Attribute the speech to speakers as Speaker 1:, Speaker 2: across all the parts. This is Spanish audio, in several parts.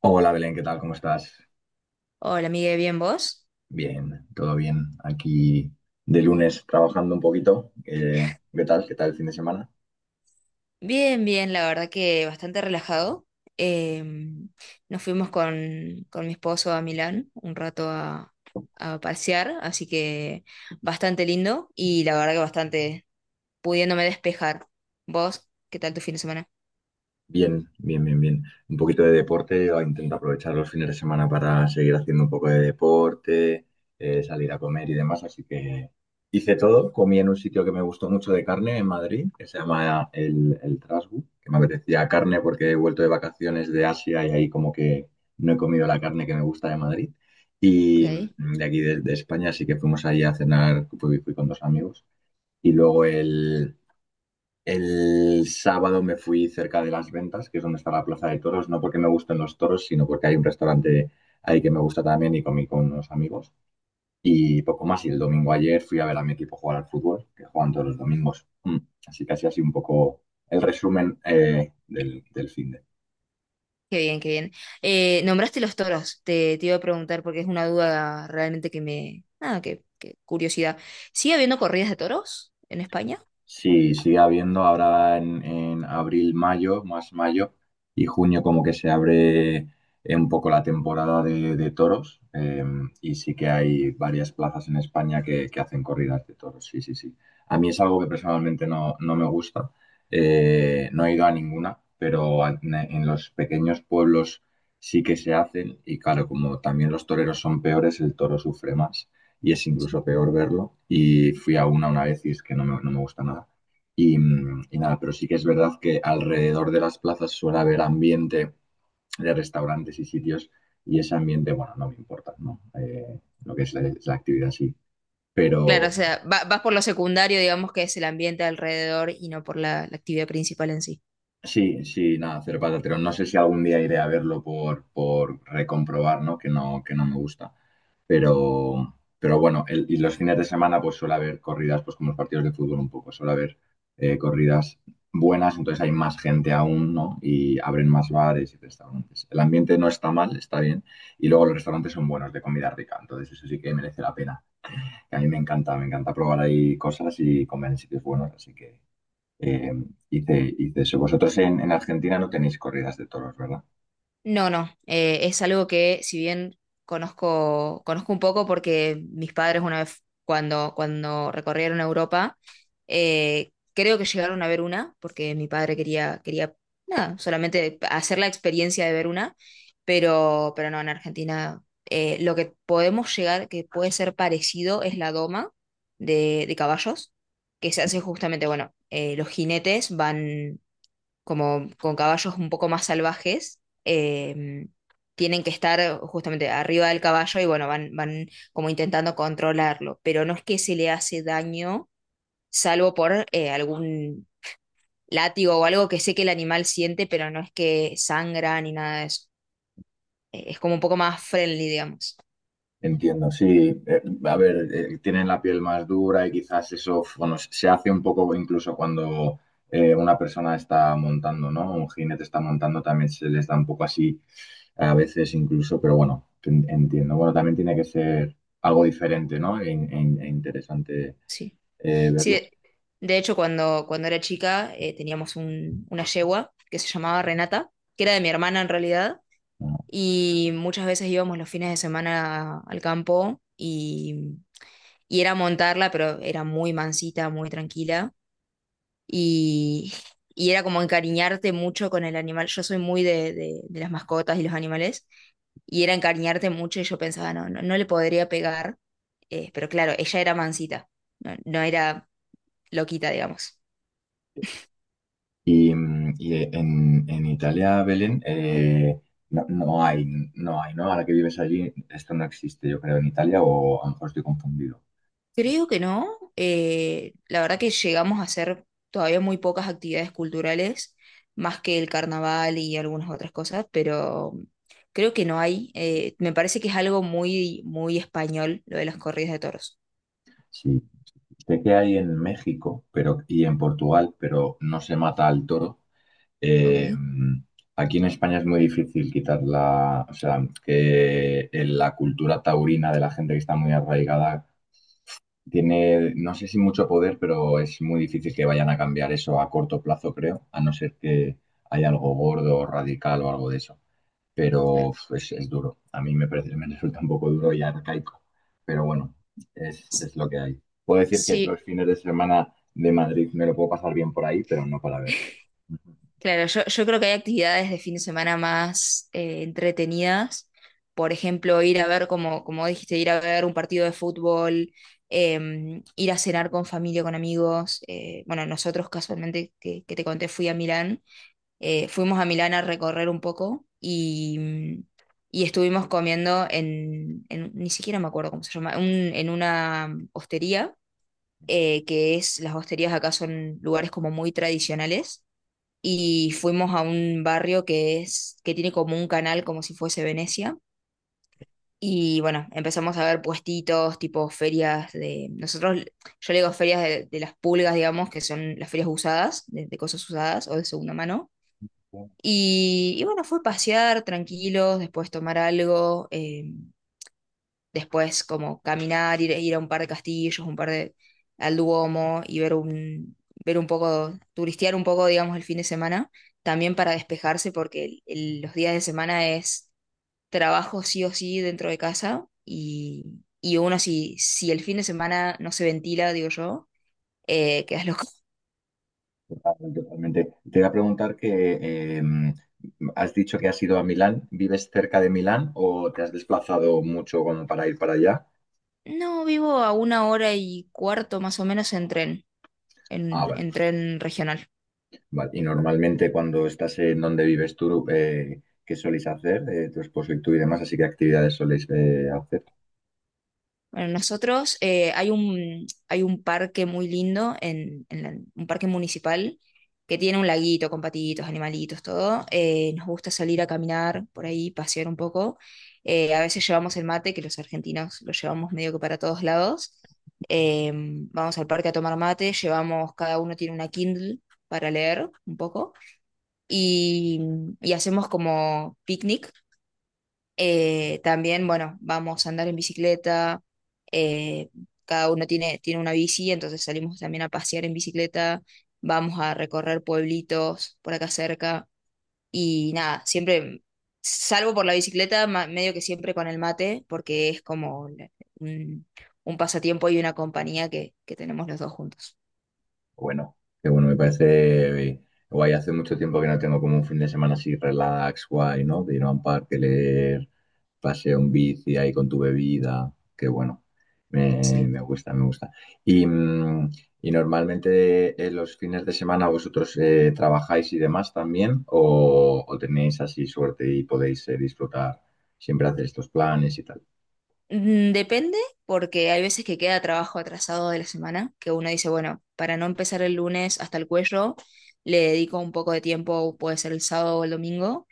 Speaker 1: Hola Belén, ¿qué tal? ¿Cómo estás?
Speaker 2: Hola, Miguel, ¿bien vos?
Speaker 1: Bien, todo bien. Aquí de lunes trabajando un poquito. ¿Qué tal? ¿Qué tal el fin de semana?
Speaker 2: Bien, bien, la verdad que bastante relajado. Em, Nos fuimos con mi esposo a Milán un rato a pasear, así que bastante lindo y la verdad que bastante pudiéndome despejar. ¿Vos? ¿Qué tal tu fin de semana?
Speaker 1: Bien, bien, bien, bien. Un poquito de deporte, o intento aprovechar los fines de semana para seguir haciendo un poco de deporte, salir a comer y demás, así que hice todo. Comí en un sitio que me gustó mucho de carne en Madrid, que se llama el Trasgu, que me apetecía carne porque he vuelto de vacaciones de Asia y ahí como que no he comido la carne que me gusta de Madrid.
Speaker 2: Ok,
Speaker 1: Y
Speaker 2: qué
Speaker 1: de aquí de España, así que fuimos ahí a cenar, fui con dos amigos. Y luego el... El sábado me fui cerca de Las Ventas, que es donde está la Plaza de Toros, no porque me gusten los toros, sino porque hay un restaurante ahí que me gusta también y comí con unos amigos. Y poco más, y el domingo ayer fui a ver a mi equipo jugar al fútbol, que juegan todos los domingos. Así que así un poco el resumen del fin de.
Speaker 2: bien, qué bien. Nombraste los toros, te iba a preguntar porque es una duda realmente que me... Nada, que curiosidad. ¿Sigue habiendo corridas de toros en España?
Speaker 1: Sí, sigue habiendo ahora en abril, mayo, más mayo y junio como que se abre un poco la temporada de toros, y sí que hay varias plazas en España que hacen corridas de toros, sí, sí, sí. A mí es algo que personalmente no me gusta, no he ido a ninguna, pero en los pequeños pueblos sí que se hacen y claro, como también los toreros son peores, el toro sufre más y es incluso peor verlo. Y fui a una vez y es que no me gusta nada. Y nada, pero sí que es verdad que alrededor de las plazas suele haber ambiente de restaurantes y sitios y ese ambiente, bueno, no me importa, ¿no? Lo que es es la actividad, sí.
Speaker 2: Claro, o
Speaker 1: Pero,
Speaker 2: sea, vas por lo secundario, digamos, que es el ambiente alrededor y no por la actividad principal en sí.
Speaker 1: sí, sí, nada, cero pataterón. No sé si algún día iré a verlo por recomprobar, ¿no? Que no, que no me gusta. Pero bueno, y los fines de semana pues suele haber corridas, pues como los partidos de fútbol un poco, suele haber corridas buenas, entonces hay más gente aún, ¿no? Y abren más bares y restaurantes. El ambiente no está mal, está bien. Y luego los restaurantes son buenos de comida rica, entonces eso sí que merece la pena. Que a mí me encanta probar ahí cosas y comer en sitios buenos, así que eh, hice eso. Vosotros en Argentina no tenéis corridas de toros, ¿verdad?
Speaker 2: No, no, es algo que si bien conozco un poco porque mis padres una vez cuando recorrieron Europa, creo que llegaron a ver una, porque mi padre quería, nada, solamente hacer la experiencia de ver una, pero no, en Argentina lo que podemos llegar, que puede ser parecido, es la doma de caballos, que se hace justamente, bueno, los jinetes van como con caballos un poco más salvajes, eh, tienen que estar justamente arriba del caballo y bueno, van como intentando controlarlo, pero no es que se le hace daño, salvo por algún látigo o algo que sé que el animal siente, pero no es que sangra ni nada de eso. Es como un poco más friendly, digamos.
Speaker 1: Entiendo, sí. A ver, tienen la piel más dura y quizás eso, bueno, se hace un poco incluso cuando una persona está montando, ¿no? Un jinete está montando, también se les da un poco así a veces incluso, pero bueno, entiendo. Bueno, también tiene que ser algo diferente, ¿no? E interesante,
Speaker 2: Sí. Sí,
Speaker 1: verlo.
Speaker 2: de hecho, cuando era chica teníamos una yegua que se llamaba Renata, que era de mi hermana en realidad y muchas veces íbamos los fines de semana al campo y era montarla, pero era muy mansita, muy tranquila y, y era como encariñarte mucho con el animal. Yo soy muy de las mascotas y los animales y era encariñarte mucho y yo pensaba, no, no, no le podría pegar, pero claro, ella era mansita, no, no era loquita, digamos.
Speaker 1: En Italia, Belén, no hay, no hay, ¿no? Ahora que vives allí, esto no existe, yo creo, en Italia, o a lo mejor estoy confundido.
Speaker 2: Creo que no. La verdad que llegamos a hacer todavía muy pocas actividades culturales, más que el carnaval y algunas otras cosas, pero creo que no hay. Me parece que es algo muy, muy español lo de las corridas de toros.
Speaker 1: Sí, sé que hay en México pero, y en Portugal, pero no se mata al toro. Eh,
Speaker 2: Ok,
Speaker 1: mm, Aquí en España es muy difícil quitar la, o sea, que en la cultura taurina de la gente que está muy arraigada tiene, no sé si mucho poder, pero es muy difícil que vayan a cambiar eso a corto plazo, creo, a no ser que haya algo gordo, radical o algo de eso. Pero
Speaker 2: claro.
Speaker 1: uf, es duro. A mí me parece, me resulta un poco duro y arcaico. Pero bueno,
Speaker 2: S-
Speaker 1: es lo que hay. Puedo decir que
Speaker 2: Sí,
Speaker 1: los fines de semana de Madrid me lo puedo pasar bien por ahí, pero no para verlo. Ujú.
Speaker 2: claro, yo creo que hay actividades de fin de semana más entretenidas. Por ejemplo, ir a ver, como dijiste, ir a ver un partido de fútbol, ir a cenar con familia, con amigos. Bueno, nosotros casualmente, que te conté, fui a Milán. Fuimos a Milán a recorrer un poco y estuvimos comiendo ni siquiera me acuerdo cómo se llama, en una hostería, que es, las hosterías acá son lugares como muy tradicionales y fuimos a un barrio que es, que tiene como un canal como si fuese Venecia. Y bueno, empezamos a ver puestitos, tipo ferias de, nosotros, yo le digo ferias de las pulgas, digamos, que son las ferias usadas, de cosas usadas o de segunda mano. Y bueno, fue pasear tranquilos, después tomar algo. Después, como caminar, ir a un par de castillos, un par de, al Duomo y ver un poco, turistear un poco, digamos, el fin de semana, también para despejarse, porque los días de semana es trabajo sí o sí dentro de casa y uno si, si el fin de semana no se ventila, digo yo, quedas loco.
Speaker 1: Totalmente, totalmente. Te voy a preguntar que eh, has dicho que has ido a Milán. ¿Vives cerca de Milán o te has desplazado mucho como para ir para allá?
Speaker 2: No, vivo a 1 hora y cuarto más o menos en tren,
Speaker 1: Ah, vale,
Speaker 2: en tren regional.
Speaker 1: vale. Y normalmente cuando estás en donde vives tú, ¿qué soléis hacer? Tu esposo y tú y demás, así que actividades soléis hacer.
Speaker 2: Bueno, nosotros hay un parque muy lindo, un parque municipal, que tiene un laguito con patitos, animalitos, todo. Nos gusta salir a caminar por ahí, pasear un poco. A veces llevamos el mate, que los argentinos lo llevamos medio que para todos lados. Eh, Vamos al parque a tomar mate, llevamos, cada uno tiene una Kindle para leer un poco. Y, y hacemos como picnic también, bueno, vamos a andar en bicicleta. eh, Cada uno tiene una bici, entonces salimos también a pasear en bicicleta. Vamos a recorrer pueblitos por acá cerca. Y nada, siempre, salvo por la bicicleta, medio que siempre con el mate, porque es como un pasatiempo y una compañía que tenemos los dos juntos.
Speaker 1: Bueno, qué bueno, me parece guay. Hace mucho tiempo que no tengo como un fin de semana así relax, guay, ¿no? De ir a un parque, leer, paseo en bici ahí con tu bebida. Qué bueno.
Speaker 2: Sí.
Speaker 1: Me gusta, me gusta. Y, mm, y normalmente en los fines de semana vosotros trabajáis y demás también, o tenéis así suerte y podéis disfrutar, siempre hacer estos planes y tal.
Speaker 2: Depende, porque hay veces que queda trabajo atrasado de la semana, que uno dice, bueno, para no empezar el lunes hasta el cuello, le dedico un poco de tiempo, puede ser el sábado o el domingo,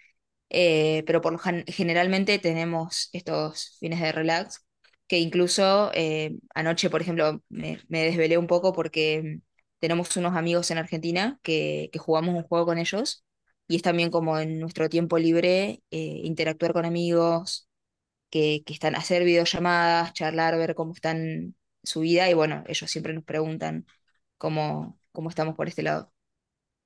Speaker 2: pero por lo generalmente tenemos estos fines de relax, que incluso anoche, por ejemplo, me desvelé un poco porque tenemos unos amigos en Argentina que jugamos un juego con ellos. Y es también como en nuestro tiempo libre, interactuar con amigos, que están a hacer videollamadas, charlar, ver cómo están su vida y bueno, ellos siempre nos preguntan cómo estamos por este lado.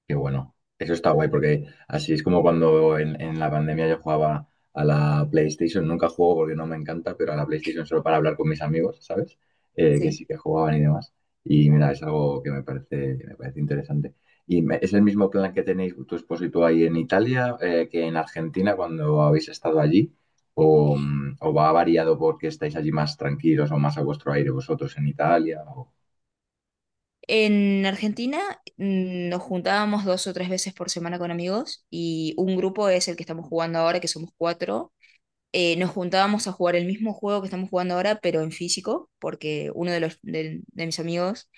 Speaker 1: Qué bueno. Eso está guay porque así es como cuando en la pandemia yo jugaba a la PlayStation. Nunca juego porque no me encanta, pero a la PlayStation solo para hablar con mis amigos, ¿sabes? Que
Speaker 2: Sí.
Speaker 1: sí que jugaban y demás. Y mira, es algo que me parece interesante. ¿Y es el mismo plan que tenéis tu esposo y tú ahí en Italia, que en Argentina cuando habéis estado allí? ¿O, mm, o va variado porque estáis allí más tranquilos o más a vuestro aire vosotros en Italia? O...
Speaker 2: En Argentina nos juntábamos dos o tres veces por semana con amigos y un grupo es el que estamos jugando ahora, que somos cuatro. Nos juntábamos a jugar el mismo juego que estamos jugando ahora, pero en físico, porque uno de mis amigos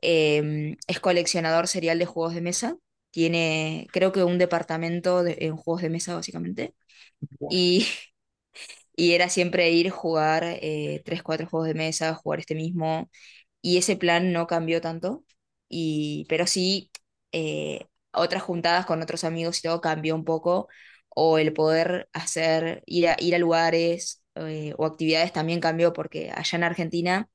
Speaker 2: es coleccionador serial de juegos de mesa. Tiene, creo que un departamento en juegos de mesa, básicamente. Y, y era siempre ir, jugar tres, cuatro juegos de mesa, jugar este mismo. Y ese plan no cambió tanto. Y, pero sí, eh, otras juntadas con otros amigos y todo cambió un poco. O el poder hacer, ir a lugares o actividades también cambió, porque allá en Argentina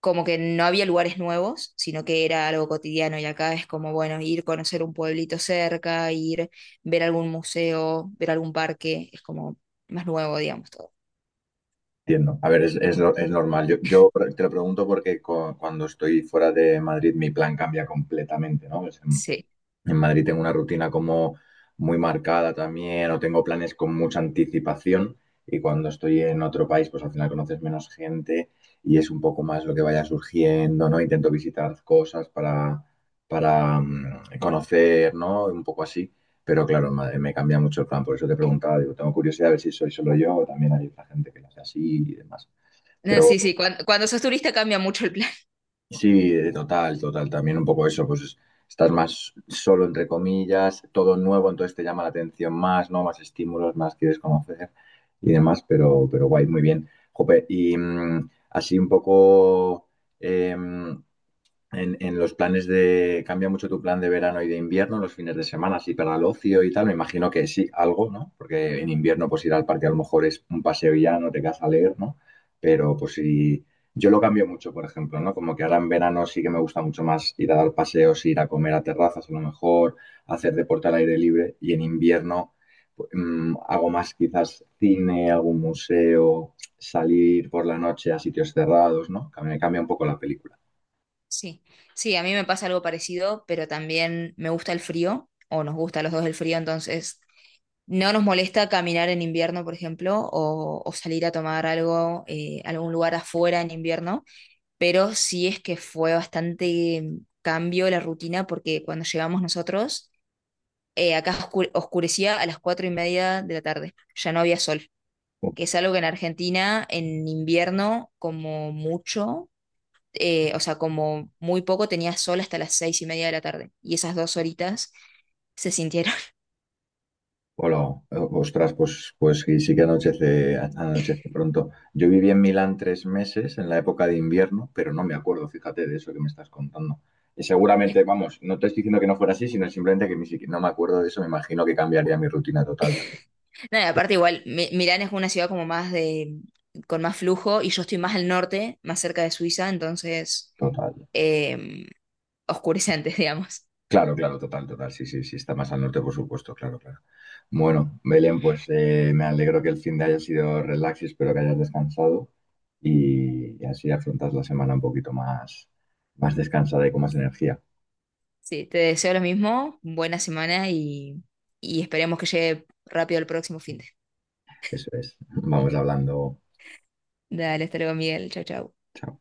Speaker 2: como que no había lugares nuevos, sino que era algo cotidiano y acá es como, bueno, ir conocer un pueblito cerca, ir ver algún museo, ver algún parque, es como más nuevo, digamos, todo.
Speaker 1: Entiendo. A ver, es, no- es normal. Yo te lo pregunto porque cuando estoy fuera de Madrid mi plan cambia completamente, ¿no? Es,
Speaker 2: Sí.
Speaker 1: en Madrid tengo una rutina como muy marcada también, o tengo planes con mucha anticipación. Y cuando estoy en otro país, pues al final conoces menos gente y es un poco más lo que vaya surgiendo, ¿no? Intento visitar cosas para conocer, ¿no? Un poco así. Pero claro, me cambia mucho el plan. Por eso te preguntaba, digo, tengo curiosidad a ver si soy solo yo o también hay otra gente que lo hace así y demás.
Speaker 2: No,
Speaker 1: Pero
Speaker 2: sí, sí, cuando, sos turista cambia mucho el plan.
Speaker 1: sí, total, total. También un poco eso, pues estás más solo, entre comillas, todo nuevo, entonces te llama la atención más, ¿no? Más estímulos, más quieres conocer y demás, pero guay, muy bien. Jope, así un poco, em, en los planes de... Cambia mucho tu plan de verano y de invierno, los fines de semana, así para el ocio y tal. Me imagino que sí, algo, ¿no? Porque en invierno, pues ir al parque a lo mejor es un paseo y ya no te quedas a leer, ¿no? Pero pues si... Yo lo cambio mucho, por ejemplo, ¿no? Como que ahora en verano sí que me gusta mucho más ir a dar paseos, ir a comer a terrazas a lo mejor, hacer deporte al aire libre y en invierno pues, hago más quizás cine, algún museo, salir por la noche a sitios cerrados, ¿no? Que me cambia un poco la película.
Speaker 2: Sí, sí, a mí me pasa algo parecido, pero también me gusta el frío, o nos gusta a los dos el frío, entonces no nos molesta caminar en invierno, por ejemplo, o salir a tomar algo, a algún lugar afuera en invierno pero sí es que fue bastante cambio la rutina porque cuando llegamos nosotros, acá oscurecía a las 4:30 de la tarde, ya no había sol, que es algo que en Argentina en invierno como mucho, o sea, como muy poco tenía sol hasta las 6:30 de la tarde y esas 2 horitas se sintieron.
Speaker 1: Hola, ostras, pues sí, sí que anochece, anochece pronto. Yo viví en Milán 3 meses en la época de invierno, pero no me acuerdo, fíjate, de eso que me estás contando. Y seguramente, vamos, no te estoy diciendo que no fuera así, sino simplemente que ni siquiera no me acuerdo de eso, me imagino que cambiaría mi rutina total también.
Speaker 2: No, y aparte igual, Milán es una ciudad como más con más flujo y yo estoy más al norte, más cerca de Suiza, entonces
Speaker 1: Total.
Speaker 2: eh, oscurece antes, digamos.
Speaker 1: Claro, claro, total, total. Sí, sí, sí, está más al norte, por supuesto, claro, claro. Bueno, Belén, pues me alegro que el fin de haya sido relax y espero que hayas descansado y así afrontas la semana un poquito más, más descansada y con más energía.
Speaker 2: Sí, te deseo lo mismo, buena semana y esperemos que llegue rápido el próximo fin de.
Speaker 1: Eso es. Vamos hablando.
Speaker 2: Dale, hasta luego, Miguel. Chau, chau.
Speaker 1: Chao.